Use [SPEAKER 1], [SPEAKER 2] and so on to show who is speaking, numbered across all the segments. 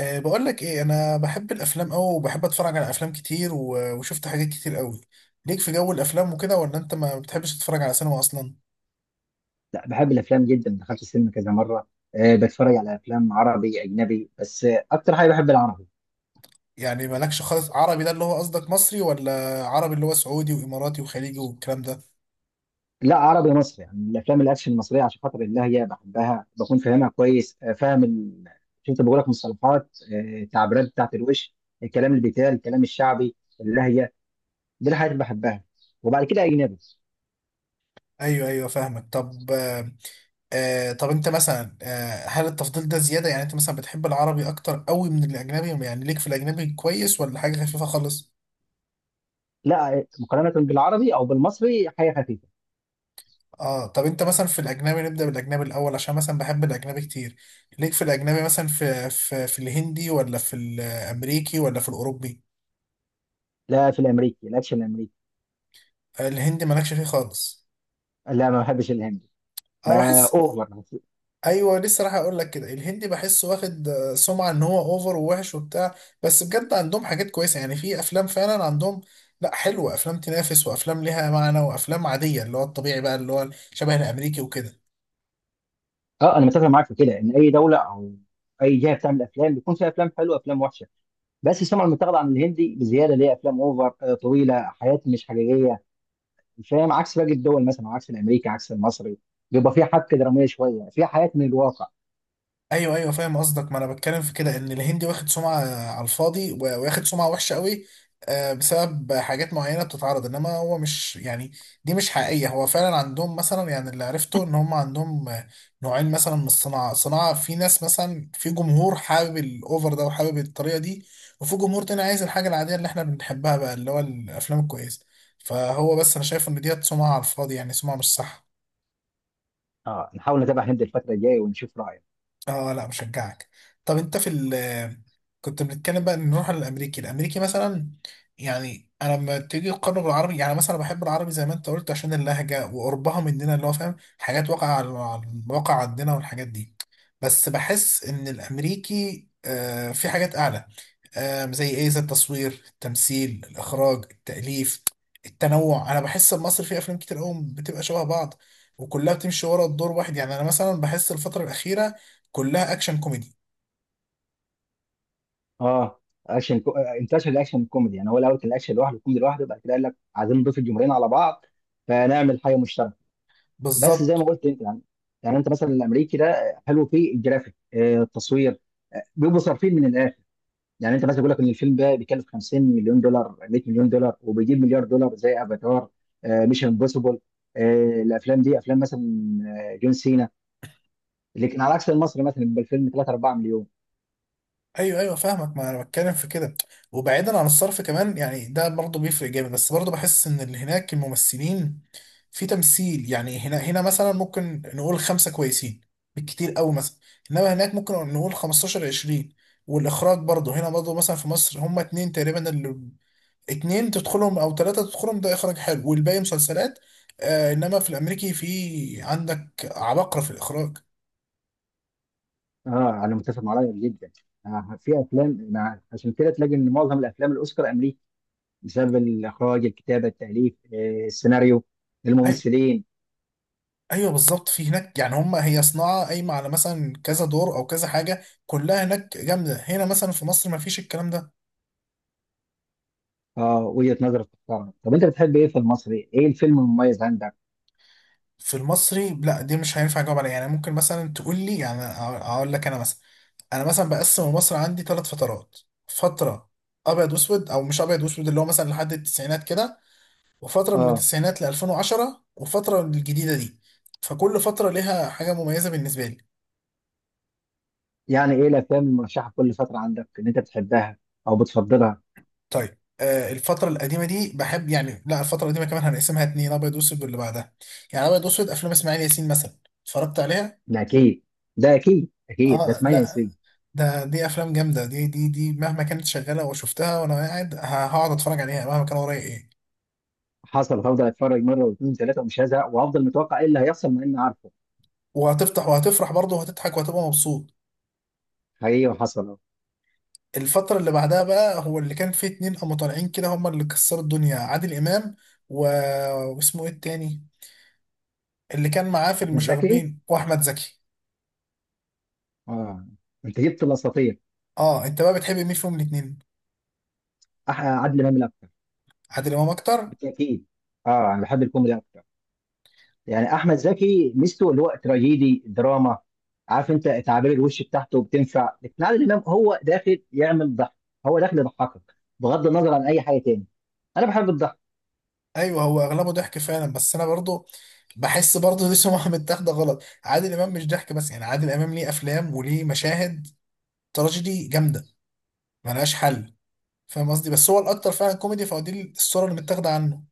[SPEAKER 1] أه بقول لك ايه، انا بحب الافلام قوي وبحب اتفرج على افلام كتير وشفت حاجات كتير قوي. ليك في جو الافلام وكده، ولا انت ما بتحبش تتفرج على سينما اصلا؟
[SPEAKER 2] لا، بحب الافلام جدا. دخلت السينما كذا مره. أه، بتفرج على افلام عربي اجنبي. بس اكتر حاجه بحب العربي.
[SPEAKER 1] يعني مالكش خالص عربي؟ ده اللي هو قصدك مصري، ولا عربي اللي هو سعودي واماراتي وخليجي والكلام ده؟
[SPEAKER 2] لا، عربي مصري، يعني الافلام الاكشن المصريه عشان خاطر الله هي بحبها، بكون فاهمها كويس، فاهم. شفت، بقول لك مصطلحات، تعبيرات بتاعت الوش، الكلام اللي بيتقال، الكلام الشعبي، اللهجه. دي الحاجات اللي بحبها، وبعد كده اجنبي.
[SPEAKER 1] ايوه ايوه فاهمك. طب أه، طب انت مثلا، هل التفضيل ده زيادة؟ يعني انت مثلا بتحب العربي اكتر قوي من الاجنبي، يعني ليك في الاجنبي كويس، ولا حاجة خفيفة خالص؟
[SPEAKER 2] لا، مقارنه بالعربي او بالمصري حاجه خفيفه.
[SPEAKER 1] اه طب انت مثلا في الاجنبي، نبدا بالاجنبي الاول عشان مثلا بحب الاجنبي كتير. ليك في الاجنبي مثلا في الهندي، ولا في الامريكي، ولا في الاوروبي؟
[SPEAKER 2] لا، في الامريكي الاكشن الامريكي.
[SPEAKER 1] الهندي مالكش فيه خالص؟
[SPEAKER 2] لا، ما بحبش الهندي،
[SPEAKER 1] انا
[SPEAKER 2] ما
[SPEAKER 1] بحس،
[SPEAKER 2] اوفر.
[SPEAKER 1] ايوه لسه راح اقول لك كده، الهندي بحسه واخد سمعه ان هو اوفر ووحش وبتاع. بس بجد عندهم حاجات كويسه، يعني في افلام فعلا عندهم. لا، حلوه افلام تنافس، وافلام ليها معنى، وافلام عاديه اللي هو الطبيعي بقى اللي هو شبه الامريكي وكده.
[SPEAKER 2] اه، انا متفق معاك في كده، ان اي دوله او اي جهه بتعمل افلام بيكون فيها افلام حلوه وافلام وحشه. بس السمعه المتاخده عن الهندي بزياده، ليه افلام اوفر، طويله، حياه مش حقيقيه. فاهم، عكس باقي الدول، مثلا عكس الامريكي، عكس المصري بيبقى فيها حبكه دراميه شويه، فيها حياه من الواقع.
[SPEAKER 1] ايوه ايوه فاهم قصدك، ما انا بتكلم في كده ان الهندي واخد سمعه على الفاضي واخد سمعه وحشه قوي بسبب حاجات معينه بتتعرض، انما هو مش يعني دي مش حقيقيه. هو فعلا عندهم مثلا، يعني اللي عرفته ان هم عندهم، نوعين مثلا من الصناعه. صناعه في ناس مثلا، في جمهور حابب الاوفر ده وحابب الطريقه دي، وفي جمهور تاني عايز الحاجه العاديه اللي احنا بنحبها بقى اللي هو الافلام الكويسه. فهو بس انا شايف ان ديت سمعه على الفاضي، يعني سمعه مش صح.
[SPEAKER 2] اه، نحاول نتابع هند الفتره الجايه ونشوف رايه.
[SPEAKER 1] اه لا مشجعك. طب انت في ال، كنت بنتكلم بقى، نروح على الامريكي. الامريكي مثلا، يعني انا لما تيجي تقارنه بالعربي، يعني مثلا بحب العربي زي ما انت قلت عشان اللهجه وقربها مننا اللي هو فاهم حاجات واقع على على الواقع عندنا والحاجات دي. بس بحس ان الامريكي آه في حاجات اعلى. زي ايه؟ زي التصوير، التمثيل، الاخراج، التاليف، التنوع. انا بحس إن مصر فيه افلام كتير قوي بتبقى شبه بعض، وكلها بتمشي ورا الدور واحد. يعني انا مثلا بحس الفتره الاخيره كلها اكشن كوميدي.
[SPEAKER 2] اه، اكشن كو... آه، انتشر الاكشن الكوميدي. يعني هو الاول كان الاكشن لوحده، الكوميدي لوحده، بعد كده قال لك عايزين نضيف الجمهورين على بعض، فنعمل حاجه مشتركه. بس زي
[SPEAKER 1] بالظبط.
[SPEAKER 2] ما قلت انت، يعني انت مثلا الامريكي ده حلو، فيه الجرافيك، التصوير، بيبقوا صارفين من الاخر. يعني انت مثلا بيقول لك ان الفيلم ده بيكلف 50 مليون دولار، 100 مليون دولار، وبيجيب مليار دولار، زي افاتار، ميشن امبوسيبل. الافلام دي افلام مثلا، جون سينا. لكن على عكس المصري مثلا بيبقى الفيلم 3 4 مليون.
[SPEAKER 1] ايوه ايوه فاهمك، ما انا بتكلم في كده. وبعيدا عن الصرف كمان، يعني ده برضه بيفرق جامد، بس برضه بحس ان اللي هناك الممثلين في تمثيل، يعني هنا مثلا ممكن نقول خمسه كويسين بالكتير قوي مثلا، انما هناك ممكن نقول 15 20. والاخراج برضه برضه مثلا في مصر هما اتنين تقريبا، اللي تدخلهم او ثلاثه تدخلهم ده اخراج حلو، والباقي مسلسلات. آه انما في الامريكي في عندك عباقرة في الاخراج.
[SPEAKER 2] اه، انا متفق معاك جدا. في افلام عشان كده تلاقي ان معظم الافلام الاوسكار امريكي، بسبب الاخراج، الكتابه، التاليف، السيناريو، الممثلين.
[SPEAKER 1] ايوه بالظبط، في هناك يعني هم، هي صناعه قايمه على مثلا كذا دور او كذا حاجه كلها هناك جامده، هنا مثلا في مصر ما فيش الكلام ده.
[SPEAKER 2] اه، وجهه نظرك تحترم. طب انت بتحب ايه في المصري؟ ايه الفيلم المميز عندك؟
[SPEAKER 1] في المصري لا دي مش هينفع اجاوب عليها، يعني ممكن مثلا تقول لي، يعني اقول لك انا مثلا بقسم مصر عندي ثلاث فترات. فتره ابيض واسود، او مش ابيض واسود اللي هو مثلا لحد التسعينات كده، وفتره من
[SPEAKER 2] اه،
[SPEAKER 1] التسعينات ل 2010، وفتره الجديده دي. فكل فتره ليها حاجه مميزه بالنسبه لي.
[SPEAKER 2] يعني ايه الافلام المرشحه كل فتره عندك ان انت بتحبها او بتفضلها؟
[SPEAKER 1] طيب الفترة القديمة دي بحب، يعني لا الفترة القديمة كمان هنقسمها اتنين: أبيض وأسود، واللي بعدها. يعني أبيض وأسود أفلام إسماعيل ياسين مثلا، اتفرجت عليها؟
[SPEAKER 2] ده اكيد. ده اكيد اكيد، ده
[SPEAKER 1] آه
[SPEAKER 2] اسمها
[SPEAKER 1] لا،
[SPEAKER 2] نسبيه.
[SPEAKER 1] دي أفلام جامدة، دي مهما كانت شغالة وشفتها وأنا قاعد، هقعد أتفرج عليها مهما كان ورايا إيه.
[SPEAKER 2] حصل، هفضل اتفرج مره واثنين وثلاثه ومش هزهق، وهفضل متوقع ايه اللي هيحصل مع اني عارفه.
[SPEAKER 1] وهتفتح وهتفرح برضه وهتضحك وهتبقى مبسوط.
[SPEAKER 2] حقيقي، وحصل اهو.
[SPEAKER 1] الفترة اللي بعدها بقى هو اللي كان فيه اتنين قاموا طالعين كده، هما اللي كسروا الدنيا: عادل إمام و... واسمه إيه التاني، اللي كان معاه في
[SPEAKER 2] احمد زكي.
[SPEAKER 1] المشاغبين، وأحمد زكي.
[SPEAKER 2] اه، انت جبت الاساطير.
[SPEAKER 1] اه انت بقى بتحب مين فيهم الاتنين؟
[SPEAKER 2] عادل امام الاكتر.
[SPEAKER 1] عادل امام اكتر.
[SPEAKER 2] بالتاكيد. اه، انا بحب الكوميدي اكتر. يعني احمد زكي ميزته اللي هو تراجيدي دراما، عارف انت، تعابير الوش بتاعته بتنفع. لكن عادل امام هو داخل يعمل ضحك، هو داخل يضحكك بغض النظر عن اي حاجه تاني. انا بحب الضحك.
[SPEAKER 1] ايوه هو اغلبه ضحك فعلا، بس انا برضو بحس برضو دي سمعه متاخده غلط. عادل امام مش ضحك بس، يعني عادل امام ليه افلام وليه مشاهد تراجيدي جامده ملهاش حل. فاهم قصدي؟ بس هو الاكتر فعلا كوميدي، فهو دي الصوره اللي متاخده عنه.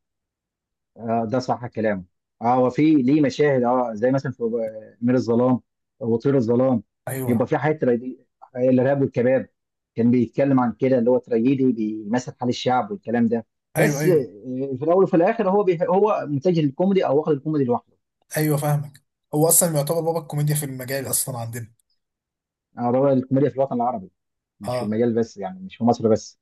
[SPEAKER 2] آه، ده صح كلامه. اه، هو في ليه مشاهد، اه زي مثلا في امير الظلام وطير الظلام، بيبقى
[SPEAKER 1] ايوه
[SPEAKER 2] في حاجات تراجيدي. الارهاب والكباب كان بيتكلم عن كده، اللي هو تراجيدي بيمثل حال الشعب والكلام ده.
[SPEAKER 1] ايوه
[SPEAKER 2] بس
[SPEAKER 1] ايوه
[SPEAKER 2] في الاول وفي الاخر هو هو متجه للكوميدي، او واخد الكوميدي لوحده.
[SPEAKER 1] ايوه فاهمك. هو اصلا يعتبر بابا الكوميديا في المجال اصلا عندنا.
[SPEAKER 2] اه، بابا الكوميديا في الوطن العربي، مش في
[SPEAKER 1] اه
[SPEAKER 2] المجال بس، يعني مش في مصر بس.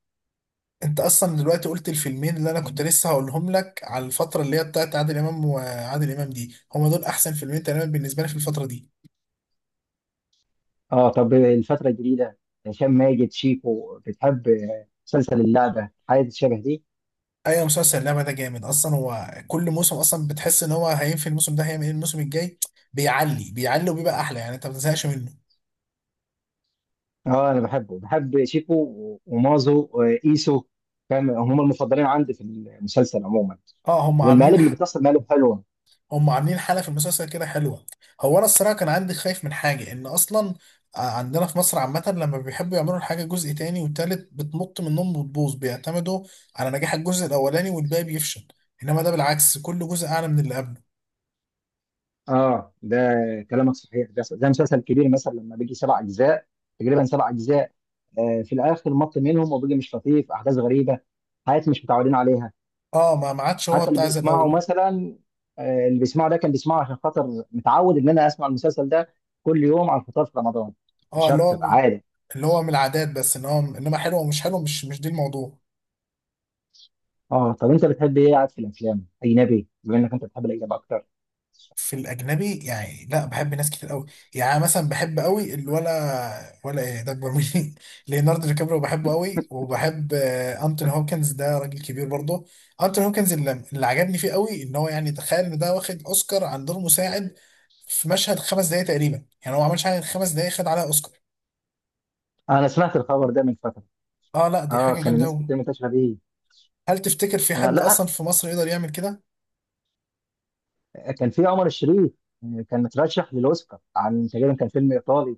[SPEAKER 1] انت اصلا دلوقتي قلت الفيلمين اللي انا كنت لسه هقولهم لك على الفتره اللي هي بتاعت عادل امام، وعادل امام دي هما دول احسن فيلمين تقريبا بالنسبه لي في الفتره دي.
[SPEAKER 2] اه، طب الفترة الجديدة، هشام ماجد شيكو، بتحب مسلسل اللعبة، حاجة شبه دي؟
[SPEAKER 1] ايوه مسلسل اللعبه ده جامد اصلا، هو كل موسم اصلا بتحس ان هو هينفي، الموسم ده هيعمل ايه الموسم الجاي. بيعلي وبيبقى احلى، يعني انت ما بتزهقش منه.
[SPEAKER 2] اه، انا بحبه. بحب شيكو ومازو وايسو، فاهم، هم المفضلين عندي في المسلسل عموما.
[SPEAKER 1] اه هم
[SPEAKER 2] والمقالب
[SPEAKER 1] عاملين
[SPEAKER 2] اللي بتحصل مقالب حلوه.
[SPEAKER 1] هم عاملين حاله في المسلسل كده حلوه. هو انا الصراحه كان عندي خايف من حاجه ان اصلا، عندنا في مصر عامه لما بيحبوا يعملوا الحاجه جزء تاني وتالت بتنط منهم وتبوظ، بيعتمدوا على نجاح الجزء الاولاني والباقي بيفشل. انما ده بالعكس، كل جزء اعلى من اللي قبله.
[SPEAKER 2] اه، ده كلامك صحيح. ده مسلسل كبير مثلا لما بيجي سبع اجزاء، تقريبا سبع اجزاء. في الاخر مط منهم وبيجي مش لطيف، احداث غريبه، حاجات مش متعودين عليها.
[SPEAKER 1] اه ما عادش هو
[SPEAKER 2] حتى اللي
[SPEAKER 1] بتاع زي
[SPEAKER 2] بيسمعه
[SPEAKER 1] الاول.
[SPEAKER 2] مثلا، اللي بيسمعه ده كان بيسمعه عشان خاطر متعود ان انا اسمع المسلسل ده كل يوم على الفطار في رمضان،
[SPEAKER 1] اه
[SPEAKER 2] مش
[SPEAKER 1] اللي
[SPEAKER 2] اكتر،
[SPEAKER 1] هو،
[SPEAKER 2] عادي.
[SPEAKER 1] اللي هو من العادات بس، ان هو انما حلو او مش حلو، مش دي الموضوع.
[SPEAKER 2] اه، طب انت بتحب ايه قاعد في الافلام اجنبي، بما انك انت بتحب الاجنبي اكتر؟
[SPEAKER 1] في الاجنبي يعني لا بحب ناس كتير قوي. يعني أنا مثلا بحب قوي الولا ولا ايه ده اكبر مني ليوناردو دي كابريو، بحبه قوي. وبحب انتوني هوكنز، ده راجل كبير برضه. انتوني هوكنز اللي عجبني فيه قوي ان هو، يعني تخيل ان ده واخد اوسكار عن دور مساعد في مشهد خمس دقايق تقريبا. يعني هو ما عملش حاجه غير خمس دقايق، خد عليها اوسكار.
[SPEAKER 2] انا سمعت الخبر ده من فتره.
[SPEAKER 1] اه لا دي
[SPEAKER 2] اه،
[SPEAKER 1] حاجه
[SPEAKER 2] كان
[SPEAKER 1] جامده
[SPEAKER 2] الناس
[SPEAKER 1] قوي.
[SPEAKER 2] كتير منتشره بيه.
[SPEAKER 1] هل تفتكر في
[SPEAKER 2] يعني
[SPEAKER 1] حد اصلا
[SPEAKER 2] لا،
[SPEAKER 1] في مصر يقدر يعمل كده؟
[SPEAKER 2] كان في عمر الشريف، كان مترشح للاوسكار عن تقريبا كان فيلم ايطالي،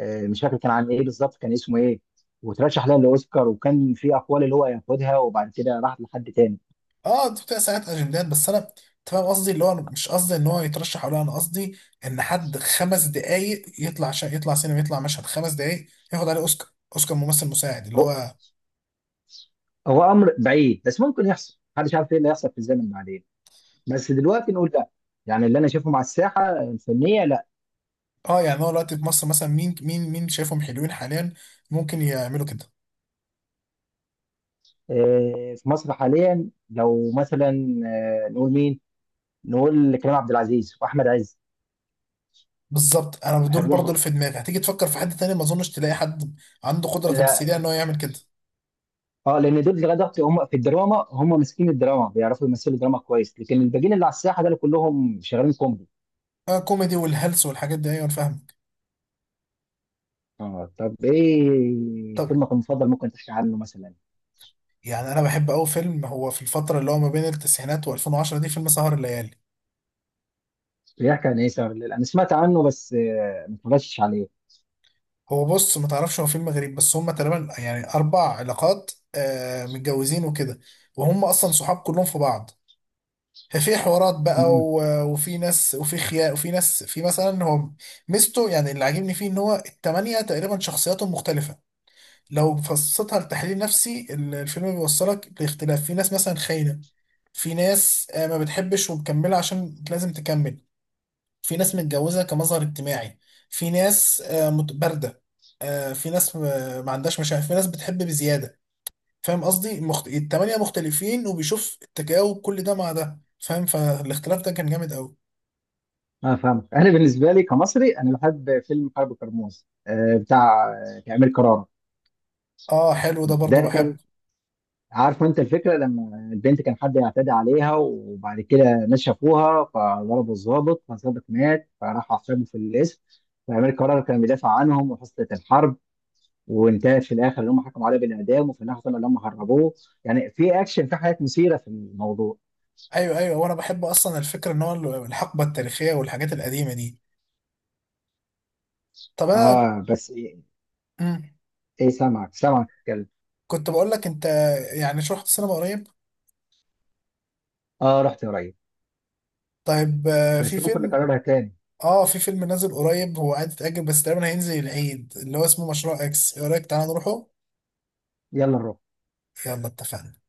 [SPEAKER 2] مش فاكر كان عن ايه بالظبط، كان اسمه ايه. وترشح لها للاوسكار، وكان في اقوال اللي هو ياخدها، وبعد كده راحت لحد تاني.
[SPEAKER 1] اه انت بتبقى ساعات اجندات، بس انا، انت فاهم قصدي اللي هو، أنا مش قصدي ان هو يترشح، ولا انا قصدي ان حد خمس دقايق يطلع يطلع سينما، يطلع مشهد خمس دقايق ياخد عليه اوسكار، اوسكار ممثل مساعد اللي
[SPEAKER 2] هو
[SPEAKER 1] هو.
[SPEAKER 2] هو امر بعيد بس ممكن يحصل، محدش عارف ايه اللي هيحصل في الزمن بعدين. بس دلوقتي نقول لا، يعني اللي انا شايفه مع الساحه الفنيه لا.
[SPEAKER 1] اه يعني هو دلوقتي في مصر مثلا مين شايفهم حلوين حاليا ممكن يعملوا كده؟
[SPEAKER 2] في مصر حاليا لو مثلا، نقول مين؟ نقول كريم عبد العزيز واحمد عز.
[SPEAKER 1] بالظبط انا دول برضه اللي
[SPEAKER 2] حلوها.
[SPEAKER 1] في دماغي. هتيجي تفكر في حد تاني ما اظنش تلاقي حد عنده قدرة
[SPEAKER 2] لا.
[SPEAKER 1] تمثيلية ان هو يعمل كده.
[SPEAKER 2] اه، لان دول لغايه دلوقتي هم في الدراما، هم ماسكين الدراما، بيعرفوا يمثلوا الدراما كويس. لكن الباقيين اللي على الساحه دول كلهم شغالين كوميدي.
[SPEAKER 1] اه كوميدي والهلس والحاجات دي، ايوه انا فاهمك.
[SPEAKER 2] اه، طب ايه
[SPEAKER 1] طب
[SPEAKER 2] فيلمك المفضل؟ ممكن تحكي عنه مثلا.
[SPEAKER 1] يعني انا بحب قوي فيلم، هو في الفترة اللي هو ما بين التسعينات و2010 دي، فيلم سهر الليالي.
[SPEAKER 2] بيحكي عن ايه؟ انا سمعت عنه، بس ما اتفرجتش عليه.
[SPEAKER 1] هو بص ما تعرفش، هو فين المغرب بس، هم تقريبا يعني اربع علاقات متجوزين وكده، وهم اصلا صحاب كلهم في بعض. ففي حوارات بقى وفي ناس وفي خيانة وفي ناس في مثلا. هو ميزته يعني اللي عاجبني فيه ان هو التمانية تقريبا شخصياتهم مختلفة. لو فصلتها لتحليل نفسي، الفيلم بيوصلك لاختلاف. في ناس مثلا خاينة، في ناس ما بتحبش ومكملة عشان لازم تكمل، في ناس متجوزة كمظهر اجتماعي، في ناس باردة، في ناس ما عندهاش مشاعر، في ناس بتحب بزيادة. فاهم قصدي؟ التمانية مختلفين، وبيشوف التجاوب كل ده مع ده، فاهم؟ فالاختلاف ده كان جامد قوي.
[SPEAKER 2] انا فاهمك. انا بالنسبه لي كمصري، انا بحب فيلم قلب كرموز، بتاع امير كرارة.
[SPEAKER 1] اه حلو ده برضو
[SPEAKER 2] ده كان،
[SPEAKER 1] بحبه.
[SPEAKER 2] عارف انت الفكره، لما البنت كان حد يعتدي عليها، وبعد كده ناس شافوها، فضربوا الضابط، فالضابط مات، فراح اعتقلوا في القسم. فامير كرارة كان بيدافع عنهم وحصلت الحرب، وانتهت في الاخر ان هم حكموا عليه بالاعدام، وفي الاخر طلعوا ان هم هربوه. يعني في اكشن، في حاجات مثيره في الموضوع.
[SPEAKER 1] ايوه ايوه، وانا بحب اصلا الفكرة ان هو الحقبة التاريخية والحاجات القديمة دي. طب انا
[SPEAKER 2] اه، بس ايه.
[SPEAKER 1] مم.
[SPEAKER 2] إيه، سامعك سامعك، اتكلم.
[SPEAKER 1] كنت بقول لك انت، يعني شو رحت السينما قريب؟
[SPEAKER 2] اه، رحت قريب.
[SPEAKER 1] طيب في
[SPEAKER 2] بس ممكن
[SPEAKER 1] فيلم،
[SPEAKER 2] نكررها تاني.
[SPEAKER 1] اه في فيلم نازل قريب، هو قاعد يتأجل بس تقريبا هينزل العيد، اللي هو اسمه مشروع اكس. ايه رأيك تعالى نروحه؟
[SPEAKER 2] يلا نروح.
[SPEAKER 1] يلا اتفقنا.